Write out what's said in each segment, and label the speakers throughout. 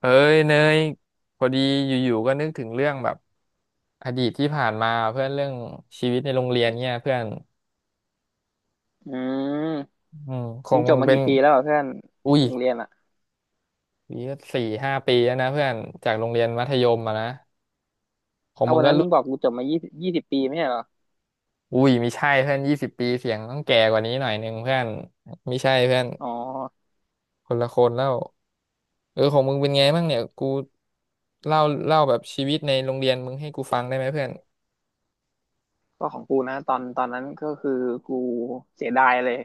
Speaker 1: เอ้ยเนยพอดีอยู่ๆก็นึกถึงเรื่องแบบอดีตที่ผ่านมาเพื่อนเรื่องชีวิตในโรงเรียนเนี่ยเพื่อน
Speaker 2: อืม
Speaker 1: อืมค
Speaker 2: มึ
Speaker 1: ง
Speaker 2: งจ
Speaker 1: มึ
Speaker 2: บ
Speaker 1: ง
Speaker 2: มา
Speaker 1: เป็น
Speaker 2: กี่ปีแล้วเหรอเพื่อน
Speaker 1: อุ้ย
Speaker 2: โรงเรียนอ่ะ
Speaker 1: ปีก็4-5 ปีแล้วนะเพื่อนจากโรงเรียนมัธยมอะนะของ
Speaker 2: เอา
Speaker 1: มึง
Speaker 2: วัน
Speaker 1: ก็
Speaker 2: นั้นมึ
Speaker 1: รุ่
Speaker 2: ง
Speaker 1: น
Speaker 2: บอกกูจบมายี่สิบปีไม่ใช่เหรอ
Speaker 1: อุ้ยไม่ใช่เพื่อน20 ปีเสียงต้องแก่กว่านี้หน่อยนึงเพื่อนไม่ใช่เพื่อน
Speaker 2: อ๋อ
Speaker 1: คนละคนแล้วเออของมึงเป็นไงบ้างเนี่ยกูเล่าเล่าแบบชีวิตในโรงเรียนมึงให้กูฟังได้ไหมเพื่อน
Speaker 2: ก็ของกูนะตอนนั้นก็คือกูเสียดายเลย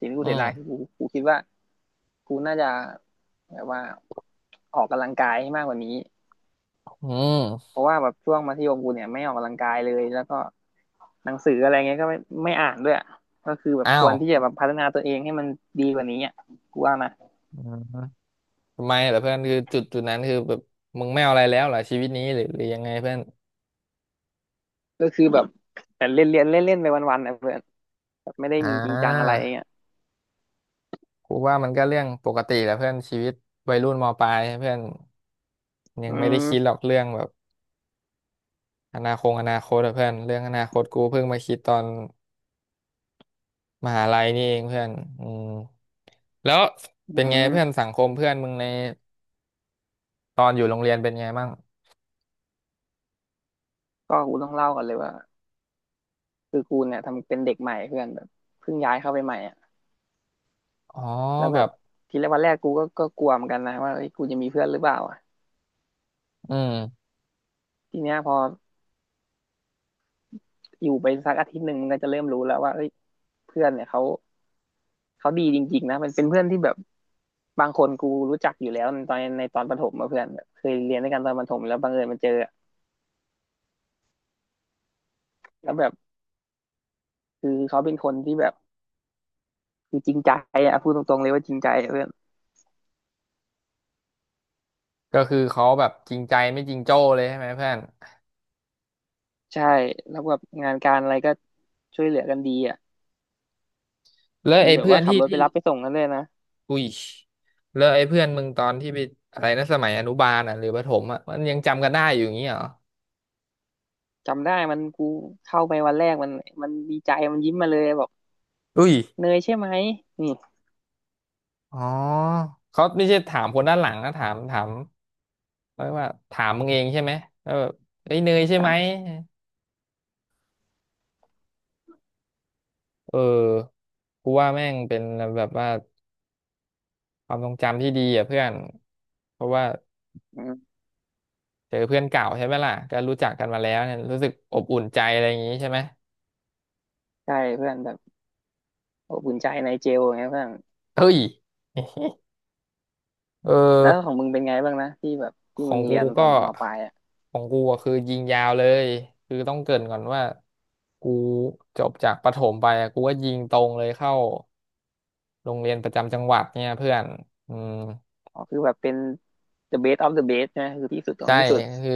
Speaker 2: สิ่งที่กู
Speaker 1: อื
Speaker 2: เสียดายคือ
Speaker 1: ม
Speaker 2: กูคิดว่ากูน่าจะแบบว่าออกกำลังกายให้มากกว่านี้
Speaker 1: อื
Speaker 2: เพ
Speaker 1: ม
Speaker 2: ราะว่าแบบช่วงมัธยมกูเนี่ยไม่ออกกำลังกายเลยแล้วก็หนังสืออะไรเงี้ยก็ไม่อ่านด้วยอะก็คือแบบ
Speaker 1: อ้า
Speaker 2: ค
Speaker 1: ว
Speaker 2: วรที่จะแบบพัฒนาตัวเองให้มันดีกว่านี้อ่ะกูว่านะ
Speaker 1: ทำไมเหรอเพื่อนคือจุดนั้นคือแบบมึงไม่เอาอะไรแล้วเหรอชีวิตนี้หรือยังไงเพื่อน
Speaker 2: ก็คือแบบแต่เล่นเล่นเล่นเล่นไปวันๆนะเพื่อนแบบไม่ได้
Speaker 1: อ่า
Speaker 2: มีจริงจังอะไรเงี้ย
Speaker 1: กูว่ามันก็เรื่องปกติแหละเพื่อนชีวิตวัยรุ่นมปลายเพื่อนยั
Speaker 2: อื
Speaker 1: งไม่ได้คิดหรอ
Speaker 2: ม
Speaker 1: กเรื่องแบบอนาคตอะเพื่อนเรื่องอนาคตกูเพิ่งมาคิดตอนมหาลัยนี่เองเพื่อนอืมแล้ว
Speaker 2: อื
Speaker 1: เป็นไงเพื่
Speaker 2: ม
Speaker 1: อนสังคมเพื่อนมึงในตอนอยู่โรงเรียนเป็นไงบ้าง
Speaker 2: ก็กูต้องเล่าก่อนเลยว่าคือกูเนี่ยทำเป็นเด็กใหม่เพื่อนแบบเพิ่งย้ายเข้าไปใหม่อ่ะ
Speaker 1: อ๋อ
Speaker 2: แล้ว
Speaker 1: แบ
Speaker 2: แบบ
Speaker 1: บ
Speaker 2: ทีแรกวันแรกกูก็กลัวเหมือนกันนะว่าเอ้ยกูจะมีเพื่อนหรือเปล่าอ่ะ
Speaker 1: อืม
Speaker 2: ทีเนี้ยพออยู่ไปสักอาทิตย์หนึ่งมันก็จะเริ่มรู้แล้วว่าเอ้ยเพื่อนเนี่ยเขาดีจริงๆนะมันเป็นเพื่อนที่แบบบางคนกูรู้จักอยู่แล้วในตอนประถมมาเพื่อนแบบเคยเรียนด้วยกันตอนประถมแล้วบังเอิญมาเจออะแล้วแบบคือเขาเป็นคนที่แบบคือจริงใจอ่ะพูดตรงๆเลยว่าจริงใจอะเพื่อน
Speaker 1: ก็คือเขาแบบจริงใจไม่จริงโจ้เลยใช่ไหมเพื่อน
Speaker 2: ใช่แล้วแบบงานการอะไรก็ช่วยเหลือกันดีอ่ะ
Speaker 1: แล้ว
Speaker 2: มี
Speaker 1: ไอ้
Speaker 2: แบบ
Speaker 1: เพื่อ
Speaker 2: ว่า
Speaker 1: น
Speaker 2: ขับ
Speaker 1: ที่
Speaker 2: รถไป
Speaker 1: ที่
Speaker 2: รับไปส่งกันเลยนะ
Speaker 1: อุ้ยแล้วไอ้เพื่อนมึงตอนที่ไปอะไรนะสมัยอนุบาลอ่ะหรือประถมอ่ะมันยังจำกันได้อยู่อย่างงี้เหรอ
Speaker 2: จำได้มันกูเข้าไปวันแรกมันดีใจมันยิ้มมาเลยบอก
Speaker 1: อุ้ย
Speaker 2: เนยใช่ไหมนี่
Speaker 1: อ๋อเขาไม่ใช่ถามคนด้านหลังนะถามเรียกว่าถามมึงเองใช่ไหมแล้วแบบเอ้ยเนยใช่
Speaker 2: ถา
Speaker 1: ไหม
Speaker 2: ม
Speaker 1: เออกูว่าแม่งเป็นแบบว่าความทรงจำที่ดีอ่ะเพื่อนเพราะว่า
Speaker 2: อืม
Speaker 1: เจอเพื่อนเก่าใช่ไหมล่ะก็รู้จักกันมาแล้วเนี่ยรู้สึกอบอุ่นใจอะไรอย่างงี้ใช่ไหม
Speaker 2: ใช่เพื่อนแบบอบอุ่นใจในเจลไงเพื่อน
Speaker 1: เฮ้ยเอ
Speaker 2: แล้
Speaker 1: อ
Speaker 2: วของมึงเป็นไงบ้างนะที่แบบที่
Speaker 1: ขอ
Speaker 2: มึ
Speaker 1: ง
Speaker 2: ง
Speaker 1: กู
Speaker 2: เรียนตอน
Speaker 1: ก็
Speaker 2: มปลายอ่ะ
Speaker 1: ของกูอะคือยิงยาวเลยคือต้องเกริ่นก่อนว่ากูจบจากประถมไปอะกูก็ยิงตรงเลยเข้าโรงเรียนประจำจังหวัดเนี่ยเพื่อนอืม
Speaker 2: อ๋อคือแบบเป็น the best of the best ใช่ไหมคือที่สุดของ
Speaker 1: ใช่
Speaker 2: ที่สุด
Speaker 1: คือ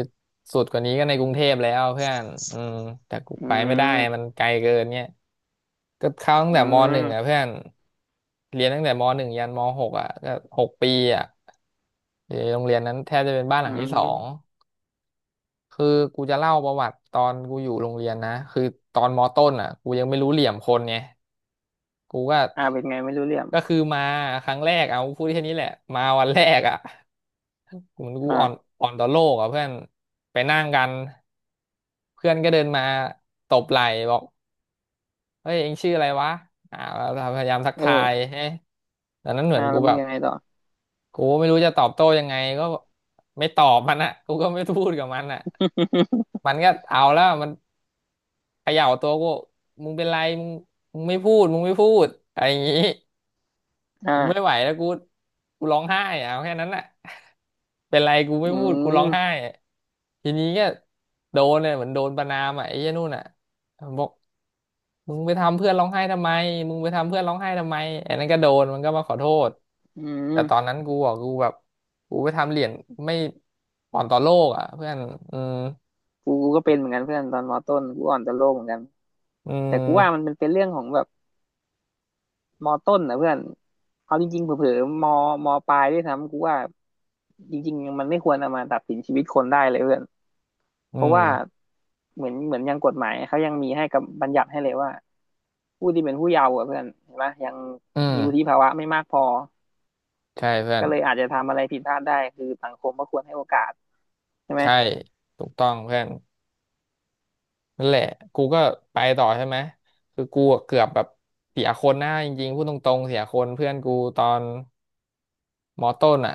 Speaker 1: สุดกว่านี้ก็ในกรุงเทพแล้วเพื่อนอืมแต่กู
Speaker 2: อื
Speaker 1: ไปไม่ได้มัน
Speaker 2: ม
Speaker 1: ไกลเกินเนี่ยก็เข้าตั้ง
Speaker 2: อื
Speaker 1: แต่มหนึ่งอ่ะ
Speaker 2: ม
Speaker 1: เพื่อนเรียนตั้งแต่มหนึ่งยันมหกอ่ะก็6 ปีอ่ะอยู่ในโรงเรียนนั้นแทบจะเป็นบ้านห
Speaker 2: อื
Speaker 1: ลังที่สอง
Speaker 2: ม
Speaker 1: คือกูจะเล่าประวัติตอนกูอยู่โรงเรียนนะคือตอนมต้นอ่ะกูยังไม่รู้เหลี่ยมคนไงกูก็
Speaker 2: อ่าเป็นไงไม่รู้เรื่อง
Speaker 1: ก็คือมาครั้งแรกเอาพูดแค่นี้แหละมาวันแรกอ่ะเหมือนกูอ่อน
Speaker 2: อ่า
Speaker 1: อ่อนต่อโลกอ่ะเพื่อนไปนั่งกันเพื่อนก็เดินมาตบไหล่บอกเฮ้ยเองชื่ออะไรวะอ่าเราพยายามทักทาย
Speaker 2: เออ
Speaker 1: เฮ้ยตอนนั้นเหมื
Speaker 2: อ่า
Speaker 1: อนกู
Speaker 2: แล้วมึ
Speaker 1: แบ
Speaker 2: ง
Speaker 1: บ
Speaker 2: ยังไงต่อ
Speaker 1: กูไม่รู้จะตอบโต้ยังไงก็ไม่ตอบมันอ่ะกูก็ไม่พูดกับมันอ่ะมันก็เอาแล้วมัน เขย่าตัวกูมึงเป็นไรมึงมึงไม่พูดมึงไม่พูดอะไรอย่างงี้กูไม่ไหว
Speaker 2: อ่า
Speaker 1: แล้วกูกูร้องไห้อะเอาแค่นั้นแหละ เป็นไรกู
Speaker 2: อื
Speaker 1: ไม่พูดกูร้องไห้
Speaker 2: ม
Speaker 1: อะทีนี้ก็โดนเนี่ยเหมือนโดนประณามอ่ะไอ้เหี้ยนู่นอ่ะบอกมึงไปทำเพื่อนร้องไห้ทำไมมึงไปทำเพื่อนร้องไห้ทำไมไอ้นั่นก็โดนมันก็มาขอโทษ
Speaker 2: อื
Speaker 1: แต่ตอน
Speaker 2: ม
Speaker 1: นั้นกูอ่ะกูแบบกูไปทำเหรียญไม่อ่อนต่อโลกอ่ะเพื่อนอืม
Speaker 2: กูก็เป็นเหมือนกันเพื่อนตอนมต้นกูอ่อนต่อโลกเหมือนกัน
Speaker 1: อื
Speaker 2: แต่กูว่ามัน
Speaker 1: ม
Speaker 2: เป็นเรื่องของแบบมอต้นนะเพื่อนเอาจริงๆเผลอๆมอปลายด้วยซ้ำกูว่าจริงๆมันไม่ควรเอามาตัดสินชีวิตคนได้เลยเพื่อน
Speaker 1: อื
Speaker 2: เพราะว่า
Speaker 1: ม
Speaker 2: เหมือนยังกฎหมายเขายังมีให้กับบัญญัติให้เลยว่าผู้ที่เป็นผู้เยาว์อะเพื่อนเห็นปะยัง
Speaker 1: อื
Speaker 2: มีวุฒิ
Speaker 1: ม
Speaker 2: ภาวะไม่มากพอ
Speaker 1: ใช่เพื่อน
Speaker 2: ก็เลยอาจจะทำอะไรผิดพลาดได้คือสังคมก็ควรให้โอกาสใช่ไหม
Speaker 1: ใช่ถูกต้องเพื่อนนั่นแหละกูก็ไปต่อใช่ไหมคือกูอะเกือบแบบเสียคนนะจริงๆพูดตรงๆเสียคนเพื่อนกูตอนมอต้นอ่ะ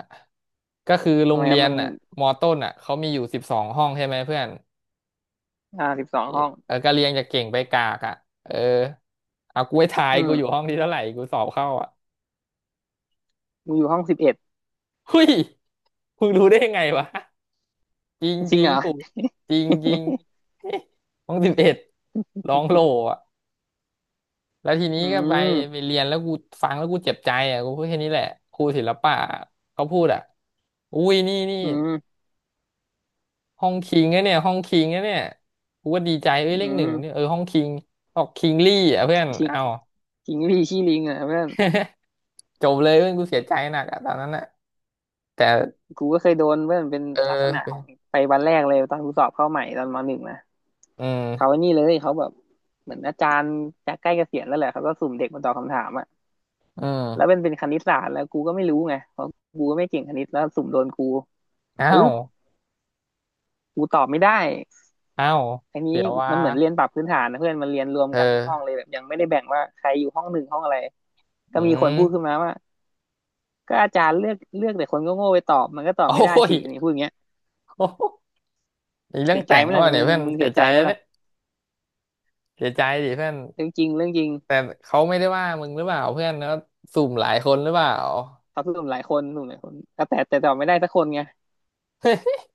Speaker 1: ก็คือโร
Speaker 2: ทำ
Speaker 1: ง
Speaker 2: ไมค
Speaker 1: เรี
Speaker 2: รับ
Speaker 1: ยน
Speaker 2: มัน
Speaker 1: อ่ะมอต้นอ่ะเขามีอยู่12 ห้องใช่ไหมเพื่อน
Speaker 2: อ่าสิบสองห้อง
Speaker 1: เออก็เรียงจากเก่งไปกากอ่ะเออเอากูไปทาย
Speaker 2: อื
Speaker 1: กูอยู่ห้
Speaker 2: ม
Speaker 1: องที่เท่าไหร่กูสอบเข้าอ่ะ
Speaker 2: มึงอยู่ห้องสิบเอ็ด
Speaker 1: เฮ้ยมึงรู้ได้ไงวะจ
Speaker 2: จริง
Speaker 1: ริง
Speaker 2: เหรอ
Speaker 1: ๆถูกจริงๆห้อง11ร้องโลอ่ะ แล้วทีนี้
Speaker 2: อื
Speaker 1: ก็ไปไป
Speaker 2: ม
Speaker 1: เรียนแล้วกูฟังแล้วกูเจ็บใจอ่ะกูพูดแค่นี้แหละครูศิลปะเขาพูดอ่ะอุ้ยนี่นี่
Speaker 2: อืม
Speaker 1: ห้องคิงนะเนี่ยห้องคิงนะเนี่ยกูก็ดีใจเอ้ย
Speaker 2: อื
Speaker 1: เลขหนึ่งเนี่ยเอ
Speaker 2: ม
Speaker 1: อห้องคิงออกคิงลี่อ่ะเพื่อน
Speaker 2: คิง
Speaker 1: เอา
Speaker 2: คิงพี่ขี้ลิงอ่ะเพื่อน
Speaker 1: จบเลยเพื่อนกูเสียใจหนักอ่ะตอนนั้นอ่ะแต่
Speaker 2: กูก็เคยโดนเว้ยมันเป็น
Speaker 1: เอ
Speaker 2: ลักษณะของ
Speaker 1: อ
Speaker 2: ไปวันแรกเลยตอนกูสอบเข้าใหม่ตอนมหนึ่งนะ
Speaker 1: อืม
Speaker 2: เขาไอ้นี่เลยเขาแบบเหมือนอาจารย์จะใกล้เกษียณแล้วแหละเขาก็สุ่มเด็กมาตอบคำถามอะ
Speaker 1: อื
Speaker 2: แล้วเป็
Speaker 1: ม
Speaker 2: นเป็นคณิตศาสตร์แล้วกูก็ไม่รู้ไงเพราะกูก็ไม่เก่งคณิตแล้วสุ่มโดนกู
Speaker 1: อ้า
Speaker 2: ปึ๊
Speaker 1: ว
Speaker 2: บกูตอบไม่ได้
Speaker 1: อ้าว
Speaker 2: อันนี้
Speaker 1: เดี๋ยวว่า
Speaker 2: มันเหมือนเรียนปรับพื้นฐานนะเพื่อนมันเรียนรวม
Speaker 1: เ
Speaker 2: กันทุกห้อง
Speaker 1: ออ
Speaker 2: เลยแบบยังไม่ได้แบ่งว่าใครอยู่ห้องหนึ่งห้องอะไรก็
Speaker 1: อื
Speaker 2: มีคนพูดขึ้น
Speaker 1: ม
Speaker 2: มาว่าก็อาจารย์เลือกแต่คนก็โง่ไปตอบมันก็ต อบ
Speaker 1: โอ้
Speaker 2: ไม่ได้
Speaker 1: ย
Speaker 2: สินี่พูดอย่างเงี้ย
Speaker 1: โอ้ยมีเรื่อ
Speaker 2: เสี
Speaker 1: ง
Speaker 2: ยใจ
Speaker 1: แต่ง
Speaker 2: ไหม
Speaker 1: แล้ว
Speaker 2: ล่ะมึ
Speaker 1: เนี่ย
Speaker 2: ง
Speaker 1: เพื่อน
Speaker 2: มึง
Speaker 1: เสี
Speaker 2: เสี
Speaker 1: ย
Speaker 2: ย
Speaker 1: ใจ
Speaker 2: ใจไหม
Speaker 1: แล้วเนี่ย
Speaker 2: ล่ะ
Speaker 1: เสียใจดิเพื่อน
Speaker 2: เรื่องจริงเรื่องจริง
Speaker 1: แต่เขาไม่ได้ว่ามึงหรือเปล่าเพื่อนแล้วสุ่มหลายคนหรือเปล่า
Speaker 2: ครับหนุ่มหลายคนหนุ่มหลายคนก็แต่ตอบไม่ได้สักคนไง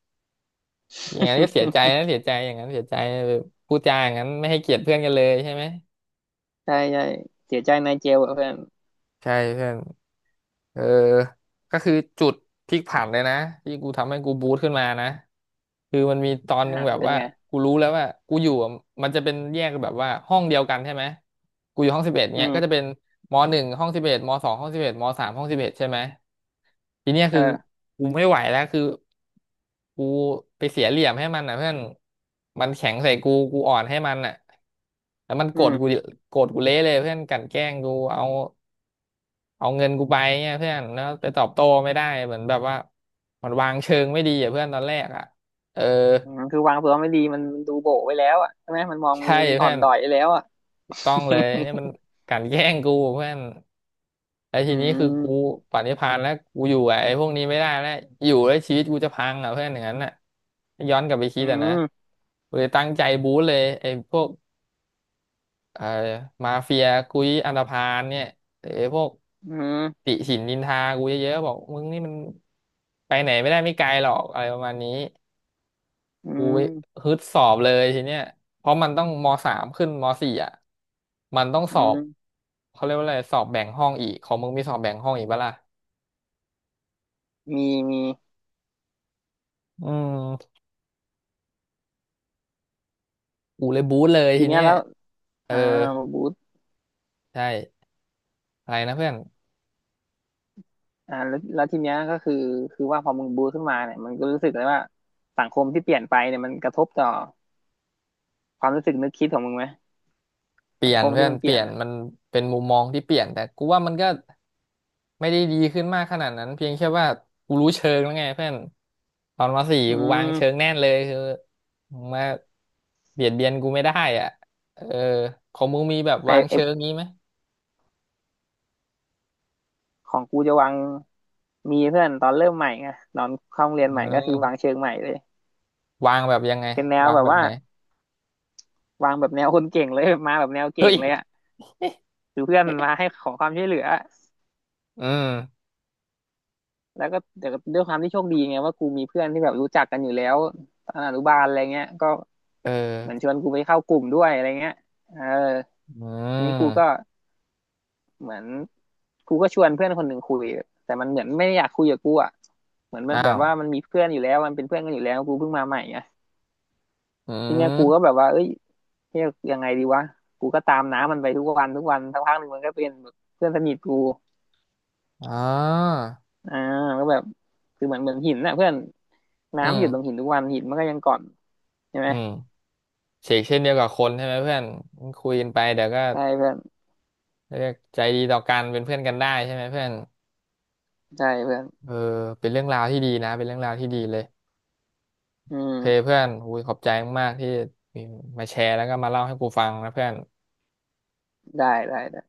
Speaker 1: อย่างนั้นก็เสียใจนะเสียใจอย่างนั้นเสียใจแบบพูดจาอย่างนั้นไม่ให้เกียรติเพื่อนกันเลยใช่ไหม
Speaker 2: ใช่ใช่เสียใจในเจลอะเพื่อน
Speaker 1: ใช่เพื่อนเออก็คือจุดพลิกผันเลยนะที่กูทำให้กูบูสต์ขึ้นมานะคือมันมีตอน
Speaker 2: อ่า
Speaker 1: หนึ่งแบบ
Speaker 2: เป็น
Speaker 1: ว่า
Speaker 2: ไง
Speaker 1: กูรู้แล้วว่ากูอยู่อะมันจะเป็นแยกแบบว่าห้องเดียวกันใช่ไหมกูอยู่ห้องสิบเอ็ด
Speaker 2: อื
Speaker 1: เนี่ยก็จะ
Speaker 2: ม
Speaker 1: เป็นมหนึ่งห้องสิบเอ็ดมสองห้องสิบเอ็ดมสามห้องสิบเอ็ดใช่ไหม ทีเนี้ยคือ
Speaker 2: เออ
Speaker 1: กูไม่ไหวแล้วคือกูไปเสียเหลี่ยมให้มันอ่ะเพื่อนมันแข็งใส่กูกูอ่อนให้มันอ่ะแล้วมันโก
Speaker 2: อื
Speaker 1: รธ
Speaker 2: ม
Speaker 1: กูโกรธกูเละเลยเพื่อนกลั่นแกล้งกูเอาเอาเงินกูไปเนี่ยเพื่อนแล้วไปตอบโต้ไม่ได้เหมือนแบบว่ามันวางเชิงไม่ดีอ่ะเพื่อนตอนแรกอ่ะเออ
Speaker 2: อืมคือวางตัวไม่ดีมันดูโบ๋ไว้แล้วอ่ะใช่ไหมมันมอง
Speaker 1: ใช่
Speaker 2: มึงอ่อ
Speaker 1: เพื่อ
Speaker 2: น
Speaker 1: น
Speaker 2: ด้อยไปแล้วอ่ะ
Speaker 1: ต้องเลยเนี่ยมันกลั่นแกล้งกูเพื่อนไอ้
Speaker 2: อื
Speaker 1: ทีนี้คือกู
Speaker 2: ม
Speaker 1: ปรินิพานแล้วกูอยู่กับไอ้พวกนี้ไม่ได้แล้วอยู่แล้วชีวิตกูจะพังอ่ะเพื่อนอย่างนั้นน่ะย้อนกลับไปคิ
Speaker 2: อื
Speaker 1: ดอ่ะนะ
Speaker 2: ม
Speaker 1: กูเลยตั้งใจบู๊เลยไอ้พวกเอ่อมาเฟียกุยอันธพาลเนี่ยไอ้พวก
Speaker 2: อืม
Speaker 1: ติฉินนินทากูเยอะๆบอกมึงนี่มันไปไหนไม่ได้ไม่ไกลหรอกอะไรประมาณนี้
Speaker 2: อื
Speaker 1: กู
Speaker 2: ม
Speaker 1: ฮึดสอบเลยทีเนี้ยเพราะมันต้องมสามขึ้นมสี่อ่ะมันต้อง
Speaker 2: อื
Speaker 1: สอบ
Speaker 2: ม
Speaker 1: เขาเรียกว่าอะไรสอบแบ่งห้องอีกของมึงมีสอบแบ่งห้องอีกปะล่ะ
Speaker 2: มีมี
Speaker 1: อืมกูเลยบู๊เลย
Speaker 2: ที
Speaker 1: ที
Speaker 2: เนี้
Speaker 1: เนี้
Speaker 2: ย
Speaker 1: ย
Speaker 2: แล้ว
Speaker 1: เออ
Speaker 2: อ่าบูท
Speaker 1: ใช่อะไรนะเพื่อน
Speaker 2: อ่าแล้วแล้วทีเนี้ยก็คือคือว่าพอมึงบูทขึ้นมาเนี่ยมันก็รู้สึกเลยว่าสังคมที่เปลี่ยนไปเนี่ยมันกระทบต่อความรู้สึกนึกคิดของมึงไหม
Speaker 1: เปลี่
Speaker 2: สัง
Speaker 1: ยน
Speaker 2: คม
Speaker 1: เพื่
Speaker 2: ที่
Speaker 1: อน
Speaker 2: มันเป
Speaker 1: เป
Speaker 2: ลี่ย
Speaker 1: ลี่
Speaker 2: น
Speaker 1: ยน
Speaker 2: อ่ะ
Speaker 1: มันเป็นมุมมองที่เปลี่ยนแต่กูว่ามันก็ไม่ได้ดีขึ้นมากขนาดนั้นเพียงแค่ว่ากูรู้เชิงแล้วไงเพื่อนตอนมสี่
Speaker 2: อื
Speaker 1: กูวางเชิง
Speaker 2: ม
Speaker 1: แน่นเลยคือมึงมาเบียดเบียนกูไม่ได้อ่ะเออของมึงมีแบบ
Speaker 2: แต่
Speaker 1: วาง
Speaker 2: ไอ
Speaker 1: เชิงงี้ไหม
Speaker 2: ของกูจะวางมีเพื่อนตอนเริ่มใหม่ไงตอนเข้าโรงเรียน
Speaker 1: เ
Speaker 2: ใหม่ก็คือวา
Speaker 1: ออ
Speaker 2: งเชิงใหม่เลย
Speaker 1: วางแบบยังไง
Speaker 2: เป็นแนว
Speaker 1: วาง
Speaker 2: แบบ
Speaker 1: แบบ
Speaker 2: ว่า
Speaker 1: ไหน
Speaker 2: วางแบบแนวคนเก่งเลยมาแบบแนวเก่
Speaker 1: เฮ้
Speaker 2: ง
Speaker 1: ย
Speaker 2: เลยอ่ะคือเพื่อนมาให้ขอความช่วยเหลือ
Speaker 1: อืม
Speaker 2: แล้วก็แต่ด้วยความที่โชคดีไงว่ากูมีเพื่อนที่แบบรู้จักกันอยู่แล้วตอนอนุบาลอะไรเงี้ยก็
Speaker 1: เออ
Speaker 2: เหมือนชวนกูไปเข้ากลุ่มด้วยอะไรเงี้ยเออ
Speaker 1: อื
Speaker 2: ทีนี้กูก็
Speaker 1: ม
Speaker 2: เหมือนกูก็ชวนเพื่อนคนหนึ่งคุยแต่มันเหมือนไม่ได้อยากคุยกับกูอ่ะเหมือนมัน
Speaker 1: อ้า
Speaker 2: แบบ
Speaker 1: ว
Speaker 2: ว่ามันมีเพื่อนอยู่แล้วมันเป็นเพื่อนกันอยู่แล้วกูเพิ่งมาใหม่ไง
Speaker 1: อื
Speaker 2: ทีเนี้ยกูก็
Speaker 1: ม
Speaker 2: แบบว่าเอ้ย เรียกยังไงดีวะกูก็ตามน้ำมันไปทุกวันสักพักหนึ่งมันก็เป็นแบบเพื่อนสนิทกู
Speaker 1: อ๋อ
Speaker 2: อ่าก็แบบคือเหมือนหินนะเพื่อน
Speaker 1: อื
Speaker 2: น้ำหยุดลงหิ
Speaker 1: ม
Speaker 2: นทุกวันหินมันก็ยังก่อนใช่ไหม
Speaker 1: อืมเฉกเช่นเดียวกับคนใช่ไหมเพื่อนคุยกันไปเดี๋ยวก็
Speaker 2: ใช่เพื่อน
Speaker 1: เรียกใจดีต่อกันเป็นเพื่อนกันได้ใช่ไหมเพื่อน
Speaker 2: ใช่เพื่อน
Speaker 1: เออเป็นเรื่องราวที่ดีนะเป็นเรื่องราวที่ดีเลย
Speaker 2: อื
Speaker 1: โอเค
Speaker 2: ม
Speaker 1: เพื่อนอุ้ยขอบใจมากๆที่มาแชร์แล้วก็มาเล่าให้กูฟังนะเพื่อน
Speaker 2: ได้ได้ได้